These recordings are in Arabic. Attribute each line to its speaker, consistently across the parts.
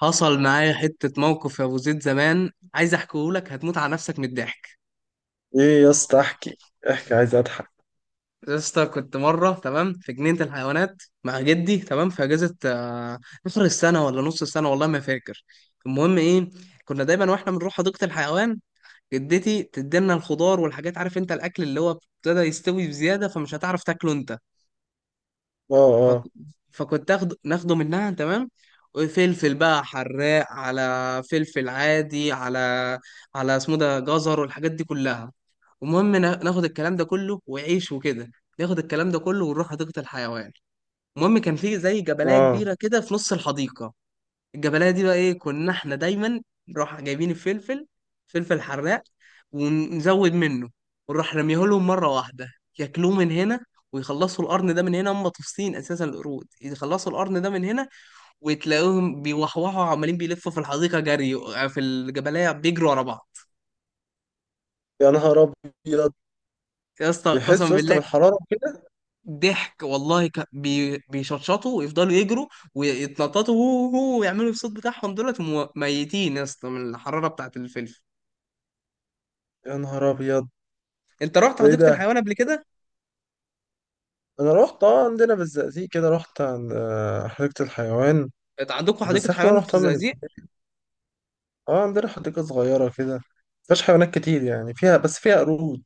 Speaker 1: حصل معايا حتة موقف يا أبو زيد زمان، عايز أحكيهولك هتموت على نفسك من الضحك.
Speaker 2: ايه يا اسطى، احكي احكي، عايز اضحك.
Speaker 1: يا اسطى كنت مرة تمام في جنينة الحيوانات مع جدي تمام في أجازة، آخر السنة ولا نص السنة والله ما فاكر. المهم إيه، كنا دايما وإحنا بنروح حديقة الحيوان جدتي تدينا الخضار والحاجات، عارف أنت، الأكل اللي هو ابتدى يستوي بزيادة فمش هتعرف تاكله أنت.
Speaker 2: اه.
Speaker 1: فك...
Speaker 2: اه.
Speaker 1: فكنت ناخده منها تمام. وفلفل بقى حراق على فلفل عادي على اسمه ده جزر والحاجات دي كلها. المهم ناخد الكلام ده كله وعيش وكده. ناخد الكلام ده كله ونروح حديقة الحيوان. المهم كان في زي جبلية
Speaker 2: اه.
Speaker 1: كبيرة كده في نص الحديقة. الجبلايه دي بقى ايه، كنا احنا دايما نروح جايبين الفلفل، فلفل حراق، ونزود منه، ونروح رميه لهم مره واحده، ياكلوه من هنا، ويخلصوا القرن ده من هنا، هم طفسين اساسا القرود، يخلصوا القرن ده من هنا، وتلاقوهم بيوحوحوا عمالين بيلفوا في الحديقه جري في الجبلايه بيجروا ورا بعض.
Speaker 2: يا نهار ابيض.
Speaker 1: يا اسطى قسما
Speaker 2: بيحس يا اسطى
Speaker 1: بالله.
Speaker 2: بالحراره كده.
Speaker 1: ضحك والله، بيشطشطوا ويفضلوا يجروا ويتنططوا هو هو ويعملوا الصوت بتاعهم دولت، وميتين يا اسطى من الحراره بتاعت الفلفل.
Speaker 2: يا نهار ابيض.
Speaker 1: انت رحت
Speaker 2: ده ايه
Speaker 1: حديقه
Speaker 2: ده؟
Speaker 1: الحيوان قبل كده؟
Speaker 2: انا رحت، اه، عندنا بالزقازيق كده. رحت عند حديقه الحيوان.
Speaker 1: انت عندكم حديقه
Speaker 2: بس اخر
Speaker 1: حيوان
Speaker 2: مره
Speaker 1: في
Speaker 2: رحتها من...
Speaker 1: الزقازيق؟
Speaker 2: اه، عندنا حديقه صغيره كده، مفيهاش حيوانات كتير. يعني فيها، بس فيها قرود.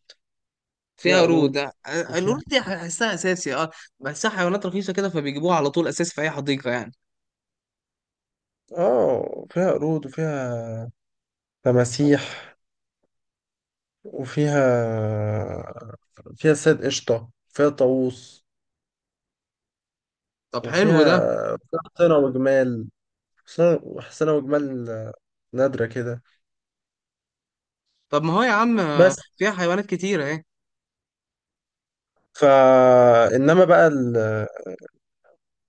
Speaker 2: فيها
Speaker 1: فيها قرود
Speaker 2: قرود
Speaker 1: اه،
Speaker 2: وفيها
Speaker 1: القرود دي بحسها اساسي اه. بحسها حيوانات رخيصه كده فبيجيبوها على طول اساسي في اي حديقه يعني.
Speaker 2: اه، فيها قرود وفيها تماسيح، وفيها، فيها صيد قشطه، فيها طاووس
Speaker 1: طب حلو
Speaker 2: وفيها
Speaker 1: ده.
Speaker 2: فيها حسنة وجمال. حسنة حسنة وجمال، نادرة كده.
Speaker 1: طب ما هو يا عم
Speaker 2: بس،
Speaker 1: فيها حيوانات كتيره اهي.
Speaker 2: فا إنما بقى ال...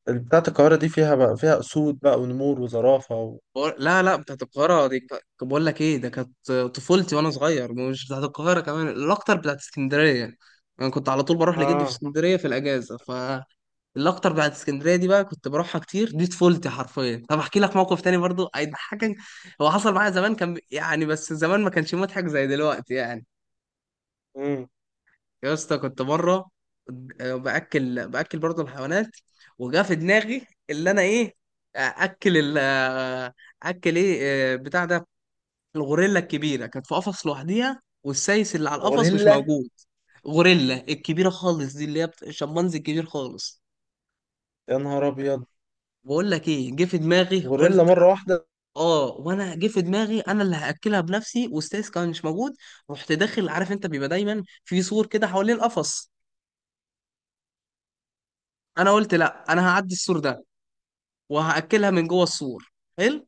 Speaker 2: ال- بتاعة القاهرة دي فيها بقى فيها أسود بقى ونمور وزرافة
Speaker 1: لا لا بتاعت القاهره دي، طب بقول لك ايه، ده كانت طفولتي وانا صغير، مش بتاعت القاهره، كمان الاكتر بتاعت اسكندريه. انا كنت على طول بروح لجدي في
Speaker 2: اه.
Speaker 1: اسكندريه في الاجازه، ف الاكتر بعد اسكندريه دي بقى كنت بروحها كتير، دي طفولتي حرفيا. طب احكي لك موقف تاني برضو هيضحكك. هو حصل معايا زمان، كان يعني بس زمان ما كانش مضحك زي دلوقتي يعني.
Speaker 2: امم
Speaker 1: يا اسطى كنت بره، باكل برضو الحيوانات. وجا في دماغي اللي انا ايه، اكل ال اكل ايه بتاع ده. الغوريلا الكبيره كانت في قفص لوحديها والسايس اللي على القفص مش
Speaker 2: غوريلا.
Speaker 1: موجود. غوريلا الكبيره خالص دي اللي هي الشمبانزي الكبير خالص.
Speaker 2: يا نهار أبيض.
Speaker 1: بقول لك ايه، جه في دماغي، قلت
Speaker 2: غوريلا مرة واحدة؟
Speaker 1: اه، وانا جه في دماغي انا اللي هاكلها بنفسي، واستاذ كان مش موجود. رحت داخل، عارف انت بيبقى دايما في سور كده حوالين القفص. انا قلت لا انا هعدي السور ده، وهاكلها من جوه السور، حلو.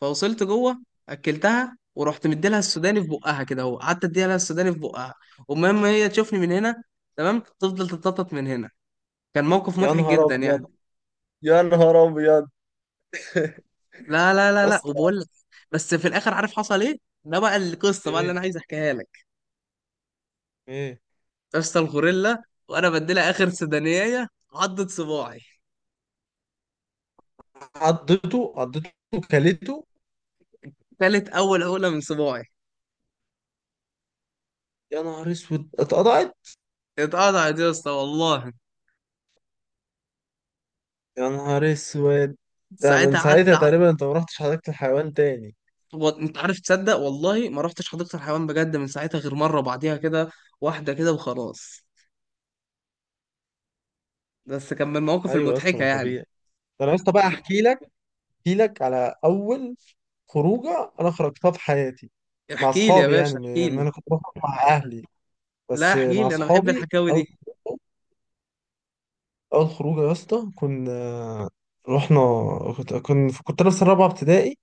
Speaker 1: فوصلت جوه، اكلتها، ورحت مديلها السوداني في بقها كده اهو، قعدت اديها لها السوداني في بقها. ومهم هي تشوفني من هنا تمام، تفضل تتنطط من هنا. كان موقف
Speaker 2: يا
Speaker 1: مضحك
Speaker 2: نهار
Speaker 1: جدا يعني.
Speaker 2: أبيض. يا نهار أبيض
Speaker 1: لا لا لا
Speaker 2: يا
Speaker 1: لا،
Speaker 2: اسطى.
Speaker 1: وبقول لك، بس في الاخر عارف حصل ايه؟ ده بقى القصه بقى اللي
Speaker 2: ايه؟
Speaker 1: انا عايز احكيها لك.
Speaker 2: ايه؟
Speaker 1: اسطى الغوريلا، وانا بديلها اخر سدانية، عضت صباعي.
Speaker 2: عضته؟ عضته؟ كلته؟
Speaker 1: كانت اول عقلة من صباعي.
Speaker 2: يا نهار اسود، اتقطعت.
Speaker 1: اتقطعت يا اسطى والله.
Speaker 2: يا نهار اسود. ده من
Speaker 1: ساعتها قعدت
Speaker 2: ساعتها تقريبا انت ما رحتش حديقة الحيوان تاني؟
Speaker 1: انت عارف، تصدق والله ما رحتش حديقة الحيوان بجد من ساعتها غير مرة بعديها كده، واحدة كده وخلاص. بس كان من المواقف
Speaker 2: ايوه يا اسطى،
Speaker 1: المضحكة
Speaker 2: ما
Speaker 1: يعني.
Speaker 2: طبيعي. ده انا يا اسطى بقى احكي لك، احكي لك على اول خروجه انا خرجتها في حياتي مع
Speaker 1: احكي لي يا
Speaker 2: اصحابي. يعني
Speaker 1: باشا احكي
Speaker 2: يعني
Speaker 1: لي.
Speaker 2: انا كنت بخرج مع اهلي،
Speaker 1: لا
Speaker 2: بس
Speaker 1: احكي
Speaker 2: مع
Speaker 1: لي، انا بحب
Speaker 2: اصحابي
Speaker 1: الحكاوي
Speaker 2: اول
Speaker 1: دي.
Speaker 2: خروجه. اول خروجه يا اسطى كنا رحنا، كنت انا في سنه رابعه ابتدائي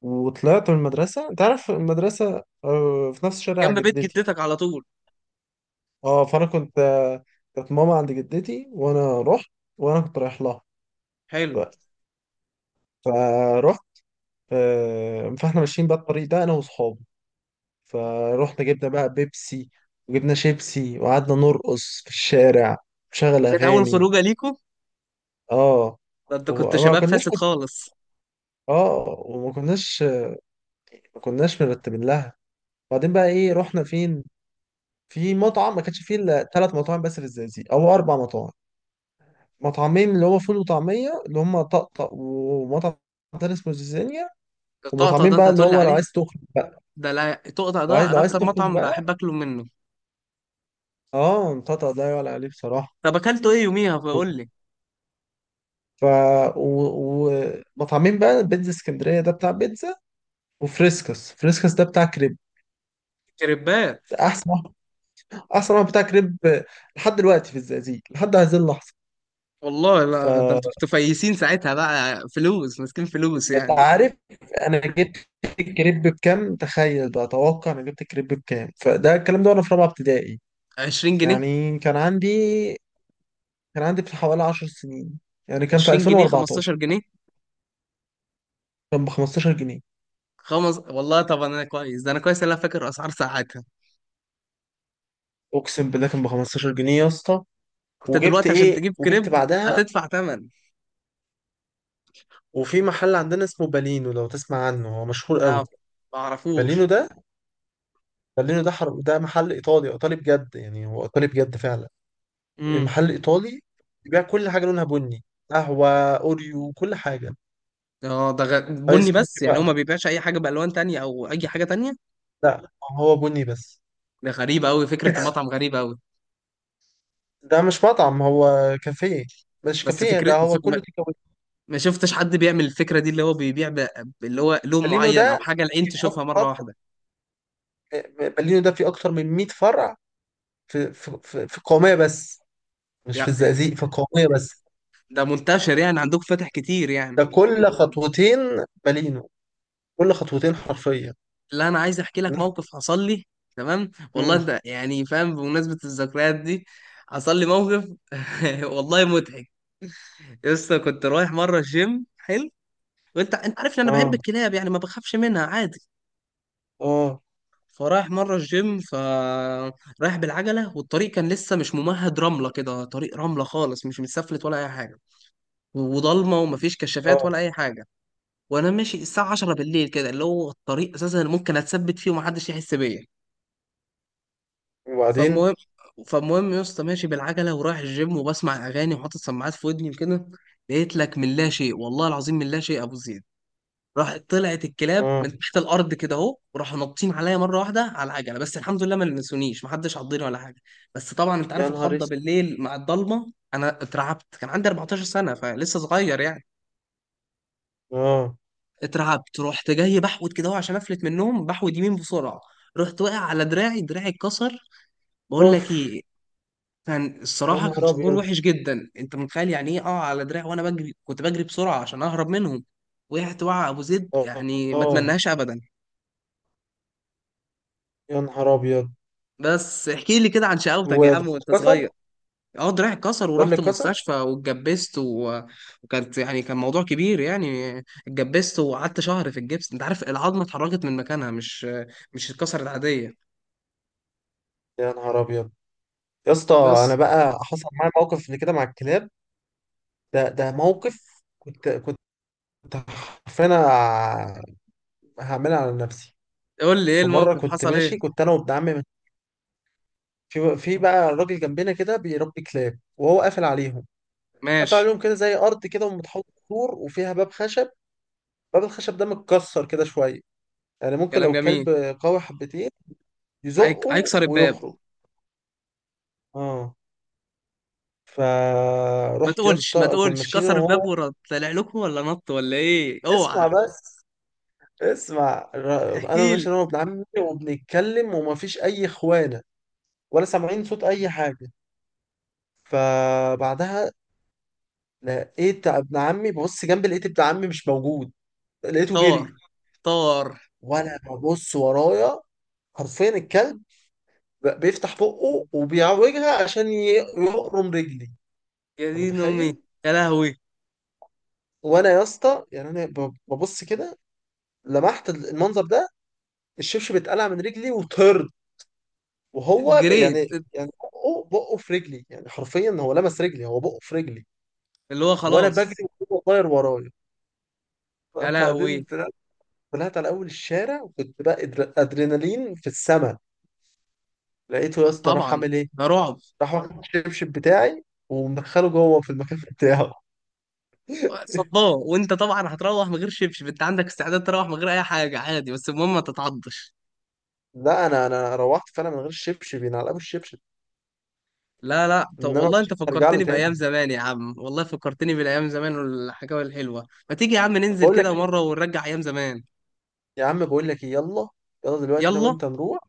Speaker 2: وطلعت من المدرسه. انت عارف المدرسه في نفس شارع
Speaker 1: جنب بيت
Speaker 2: جدتي.
Speaker 1: جدتك على طول.
Speaker 2: اه. فانا كنت كانت ماما عند جدتي وانا رحت، وانا كنت رايح لها.
Speaker 1: حلو.
Speaker 2: ف- فرحت. فاحنا ماشيين بقى الطريق ده انا واصحابي. فروحنا جبنا بقى بيبسي وجبنا شيبسي وقعدنا نرقص في الشارع، نشغل
Speaker 1: دي كانت اول
Speaker 2: اغاني.
Speaker 1: خروجة ليكم؟
Speaker 2: اه
Speaker 1: ده انت كنت
Speaker 2: وما
Speaker 1: شباب
Speaker 2: كناش
Speaker 1: فاسد خالص.
Speaker 2: اه وما كناش ما كناش مرتبين لها. وبعدين بقى ايه؟ رحنا فين؟ في مطعم. ما كانش فيه الا ثلاث مطاعم بس في الزقازيق او اربع مطاعم. مطعمين اللي هو فول وطعميه اللي هم طقطق، ومطعم تاني اسمه زيزانيا.
Speaker 1: الطقطقة
Speaker 2: ومطعمين
Speaker 1: ده انت
Speaker 2: بقى اللي
Speaker 1: هتقول لي
Speaker 2: هو لو
Speaker 1: عليها.
Speaker 2: عايز تخرج بقى،
Speaker 1: ده لا تقطع، ده انا
Speaker 2: لو عايز
Speaker 1: اكتر
Speaker 2: تخرج
Speaker 1: مطعم
Speaker 2: بقى.
Speaker 1: بحب اكله منه.
Speaker 2: اه، طقطق ده يعلى عليه بصراحه.
Speaker 1: طب اكلته ايه يوميها فقول لي.
Speaker 2: ف و- ومطعمين بقى: بيتزا اسكندريه ده بتاع بيتزا، وفريسكس. فريسكس ده بتاع كريب،
Speaker 1: كريبات.
Speaker 2: احسن واحد. احسن واحد بتاع كريب لحد دلوقتي في الزقازيق، لحد هذه اللحظه.
Speaker 1: والله
Speaker 2: ف،
Speaker 1: لا، ده انتوا كنتوا فايسين ساعتها بقى، فلوس ماسكين فلوس
Speaker 2: انت
Speaker 1: يعني.
Speaker 2: عارف، انا جبت الكريب بكام؟ تخيل بقى، توقع انا جبت الكريب بكام، فده الكلام ده وانا في رابعه ابتدائي.
Speaker 1: 20 جنيه.
Speaker 2: يعني كان عندي في حوالي 10 سنين، يعني كان في
Speaker 1: 20 جنيه، 15
Speaker 2: 2014.
Speaker 1: جنيه
Speaker 2: كان ب 15 جنيه.
Speaker 1: خمس والله. طب انا كويس ده، انا كويس إن انا فاكر اسعار ساعتها.
Speaker 2: اقسم بالله كان ب 15 جنيه يا اسطى.
Speaker 1: انت
Speaker 2: وجبت
Speaker 1: دلوقتي عشان
Speaker 2: ايه
Speaker 1: تجيب
Speaker 2: وجبت
Speaker 1: كريب
Speaker 2: بعدها؟
Speaker 1: هتدفع ثمن.
Speaker 2: وفي محل عندنا اسمه بالينو، لو تسمع عنه هو مشهور
Speaker 1: لا،
Speaker 2: قوي.
Speaker 1: ما
Speaker 2: بالينو
Speaker 1: اعرفوش.
Speaker 2: ده، بالينو ده ده محل ايطالي. ايطالي بجد، يعني هو ايطالي بجد فعلا.
Speaker 1: امم،
Speaker 2: محل ايطالي بيبيع كل حاجه لونها بني. قهوه، اوريو، كل حاجه.
Speaker 1: اه. بني
Speaker 2: ايس
Speaker 1: بس،
Speaker 2: كوفي
Speaker 1: يعني هو ما
Speaker 2: بقى.
Speaker 1: بيبيعش اي حاجه بالوان تانية او اي حاجه تانية.
Speaker 2: لا، هو بني بس.
Speaker 1: ده غريبه قوي فكره المطعم، غريبه قوي.
Speaker 2: ده مش مطعم، هو كافيه. مش
Speaker 1: بس
Speaker 2: كافيه،
Speaker 1: فكرة،
Speaker 2: ده هو كله تيك أواي.
Speaker 1: ما شفتش حد بيعمل الفكرة دي اللي هو اللي هو لون
Speaker 2: بالينو
Speaker 1: معين أو
Speaker 2: ده
Speaker 1: حاجة العين تشوفها مرة
Speaker 2: أكتر،
Speaker 1: واحدة.
Speaker 2: بالينو ده فيه أكتر من 100 فرع في القومية بس. مش في
Speaker 1: يعني
Speaker 2: الزقازيق، في القومية بس.
Speaker 1: ده منتشر يعني، عندك فاتح كتير يعني.
Speaker 2: ده كل خطوتين بالينو. كل خطوتين حرفيا.
Speaker 1: لا أنا عايز أحكي لك موقف حصل لي، تمام والله،
Speaker 2: امم
Speaker 1: أنت يعني فاهم بمناسبة الذكريات دي. حصل لي موقف والله مضحك. لسه كنت رايح مرة الجيم، حلو. وأنت عارف إن أنا بحب
Speaker 2: اه.
Speaker 1: الكلاب، يعني ما بخافش منها عادي.
Speaker 2: اه.
Speaker 1: فرايح مرة الجيم، ف رايح بالعجلة، والطريق كان لسه مش ممهد، رملة كده، طريق رملة خالص مش متسفلت ولا أي حاجة. وضلمه ومفيش كشافات
Speaker 2: اه.
Speaker 1: ولا اي حاجه. وانا ماشي الساعه 10 بالليل كده، اللي هو الطريق اساسا اللي ممكن اتثبت فيه ومحدش يحس بيا. فالمهم
Speaker 2: وبعدين.
Speaker 1: فالمهم يا اسطى ماشي بالعجله ورايح الجيم وبسمع اغاني وحاطط سماعات في ودني وكده. لقيت لك من لا شيء، والله العظيم من لا شيء ابو زيد، راح طلعت الكلاب من
Speaker 2: اه.
Speaker 1: تحت الارض كده اهو وراحوا نطين عليا مره واحده على العجله، بس الحمد لله ما لمسونيش، محدش عضني ولا حاجه. بس طبعا انت
Speaker 2: يا
Speaker 1: عارف
Speaker 2: نهار
Speaker 1: الخضه
Speaker 2: اسود.
Speaker 1: بالليل مع الضلمه، انا اترعبت، كان عندي 14 سنه فلسه صغير يعني.
Speaker 2: اه.
Speaker 1: اترعبت، رحت جاي بحود كده أهو عشان افلت من النوم، بحود يمين بسرعه. رحت واقع على دراعي، دراعي اتكسر. بقول لك
Speaker 2: اوف.
Speaker 1: ايه، كان
Speaker 2: يا
Speaker 1: الصراحه كان
Speaker 2: نهار
Speaker 1: شعور
Speaker 2: ابيض.
Speaker 1: وحش جدا، انت متخيل يعني ايه اه على دراعي وانا بجري، كنت بجري بسرعه عشان اهرب منهم. وقعت وقع ابو زيد
Speaker 2: اه.
Speaker 1: يعني، ما
Speaker 2: اه.
Speaker 1: اتمناهاش ابدا.
Speaker 2: يا نهار ابيض.
Speaker 1: بس احكي لي كده عن شقاوتك يا
Speaker 2: وده
Speaker 1: عم وانت صغير.
Speaker 2: كسر؟
Speaker 1: اه دراعي اتكسر
Speaker 2: ده اللي
Speaker 1: ورحت
Speaker 2: كسر.
Speaker 1: المستشفى واتجبست، وكانت يعني كان موضوع كبير يعني. اتجبست وقعدت شهر في الجبس، انت عارف العظمه اتحركت من مكانها، مش اتكسرت عاديه.
Speaker 2: يا نهار ابيض يا اسطى. انا
Speaker 1: بس
Speaker 2: بقى حصل معايا موقف اللي كده مع الكلاب. ده موقف. كنت حرفيا أنا هعملها على نفسي.
Speaker 1: قول لي ايه
Speaker 2: في مره
Speaker 1: الموقف،
Speaker 2: كنت
Speaker 1: حصل ايه؟
Speaker 2: ماشي، كنت انا وابن عمي. في بقى راجل جنبنا كده بيربي كلاب وهو قافل عليهم. قافل
Speaker 1: ماشي.
Speaker 2: عليهم كده زي ارض كده ومتحوط سور، وفيها باب خشب. باب الخشب ده متكسر كده شويه، يعني ممكن لو
Speaker 1: كلام
Speaker 2: الكلب
Speaker 1: جميل.
Speaker 2: قوي حبتين
Speaker 1: هيك
Speaker 2: يزقه
Speaker 1: هيكسر الباب.
Speaker 2: ويخرج. اه.
Speaker 1: ما
Speaker 2: فرحت يا
Speaker 1: تقولش ما
Speaker 2: اسطى كنا
Speaker 1: تقولش،
Speaker 2: ماشيين انا
Speaker 1: كسر الباب
Speaker 2: وهو.
Speaker 1: ورد طلع لكم ولا نط ولا ايه؟ اوعى.
Speaker 2: اسمع بس، اسمع، انا
Speaker 1: احكي
Speaker 2: ماشي
Speaker 1: لي.
Speaker 2: انا وابن عمي وبنتكلم، ومفيش اي اخوانه، ولا سامعين صوت اي حاجه. فبعدها لقيت ابن عمي ببص جنبي، لقيت ابن عمي مش موجود، لقيته
Speaker 1: طار
Speaker 2: جري.
Speaker 1: طار.
Speaker 2: وانا ببص ورايا، حرفيا الكلب بيفتح بقه وبيعوجها عشان يقرم رجلي.
Speaker 1: يا
Speaker 2: انت
Speaker 1: دين امي.
Speaker 2: متخيل؟
Speaker 1: يا لهوي.
Speaker 2: وانا يا اسطى يعني انا ببص كده، لمحت المنظر ده، الشبشب اتقلع من رجلي وطرد. وهو يعني،
Speaker 1: جريت.
Speaker 2: يعني بقه، بقه في رجلي، يعني حرفيا هو لمس رجلي، هو بقه في رجلي.
Speaker 1: اللي هو
Speaker 2: وانا بجري
Speaker 1: خلاص.
Speaker 2: وهو طاير ورايا.
Speaker 1: يا
Speaker 2: بعدين
Speaker 1: لهوي.
Speaker 2: طلعت، طلعت على اول الشارع، وكنت بقى ادرينالين في السما. لقيته يا اسطى راح
Speaker 1: طبعا،
Speaker 2: عامل ايه؟
Speaker 1: ده رعب.
Speaker 2: راح واخد الشبشب بتاعي ومدخله جوه في المكان بتاعه.
Speaker 1: صدام، وانت طبعا هتروح من غير شبشب، انت عندك استعداد تروح من غير اي حاجه عادي بس المهم ما تتعضش.
Speaker 2: لا، انا، روحت فعلا من غير الشبشب، ينعلقوا الشبشب.
Speaker 1: لا لا، طب
Speaker 2: انما
Speaker 1: والله انت
Speaker 2: مش هرجع له
Speaker 1: فكرتني بايام
Speaker 2: تاني.
Speaker 1: زمان يا عم، والله فكرتني بالايام زمان والحكاوي الحلوه، ما تيجي يا عم
Speaker 2: طب
Speaker 1: ننزل
Speaker 2: بقول لك
Speaker 1: كده
Speaker 2: ايه،
Speaker 1: مره ونرجع ايام زمان؟
Speaker 2: يا عم بقول لك ايه، يلا. يلا دلوقتي انا
Speaker 1: يلا.
Speaker 2: وانت نروح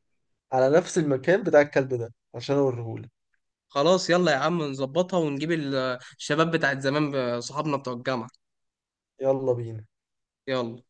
Speaker 2: على نفس المكان بتاع الكلب ده عشان اوريهولك.
Speaker 1: خلاص يلا يا عم نظبطها ونجيب الشباب بتاعت زمان، صحابنا بتوع الجامعه.
Speaker 2: يلا بينا.
Speaker 1: يلا.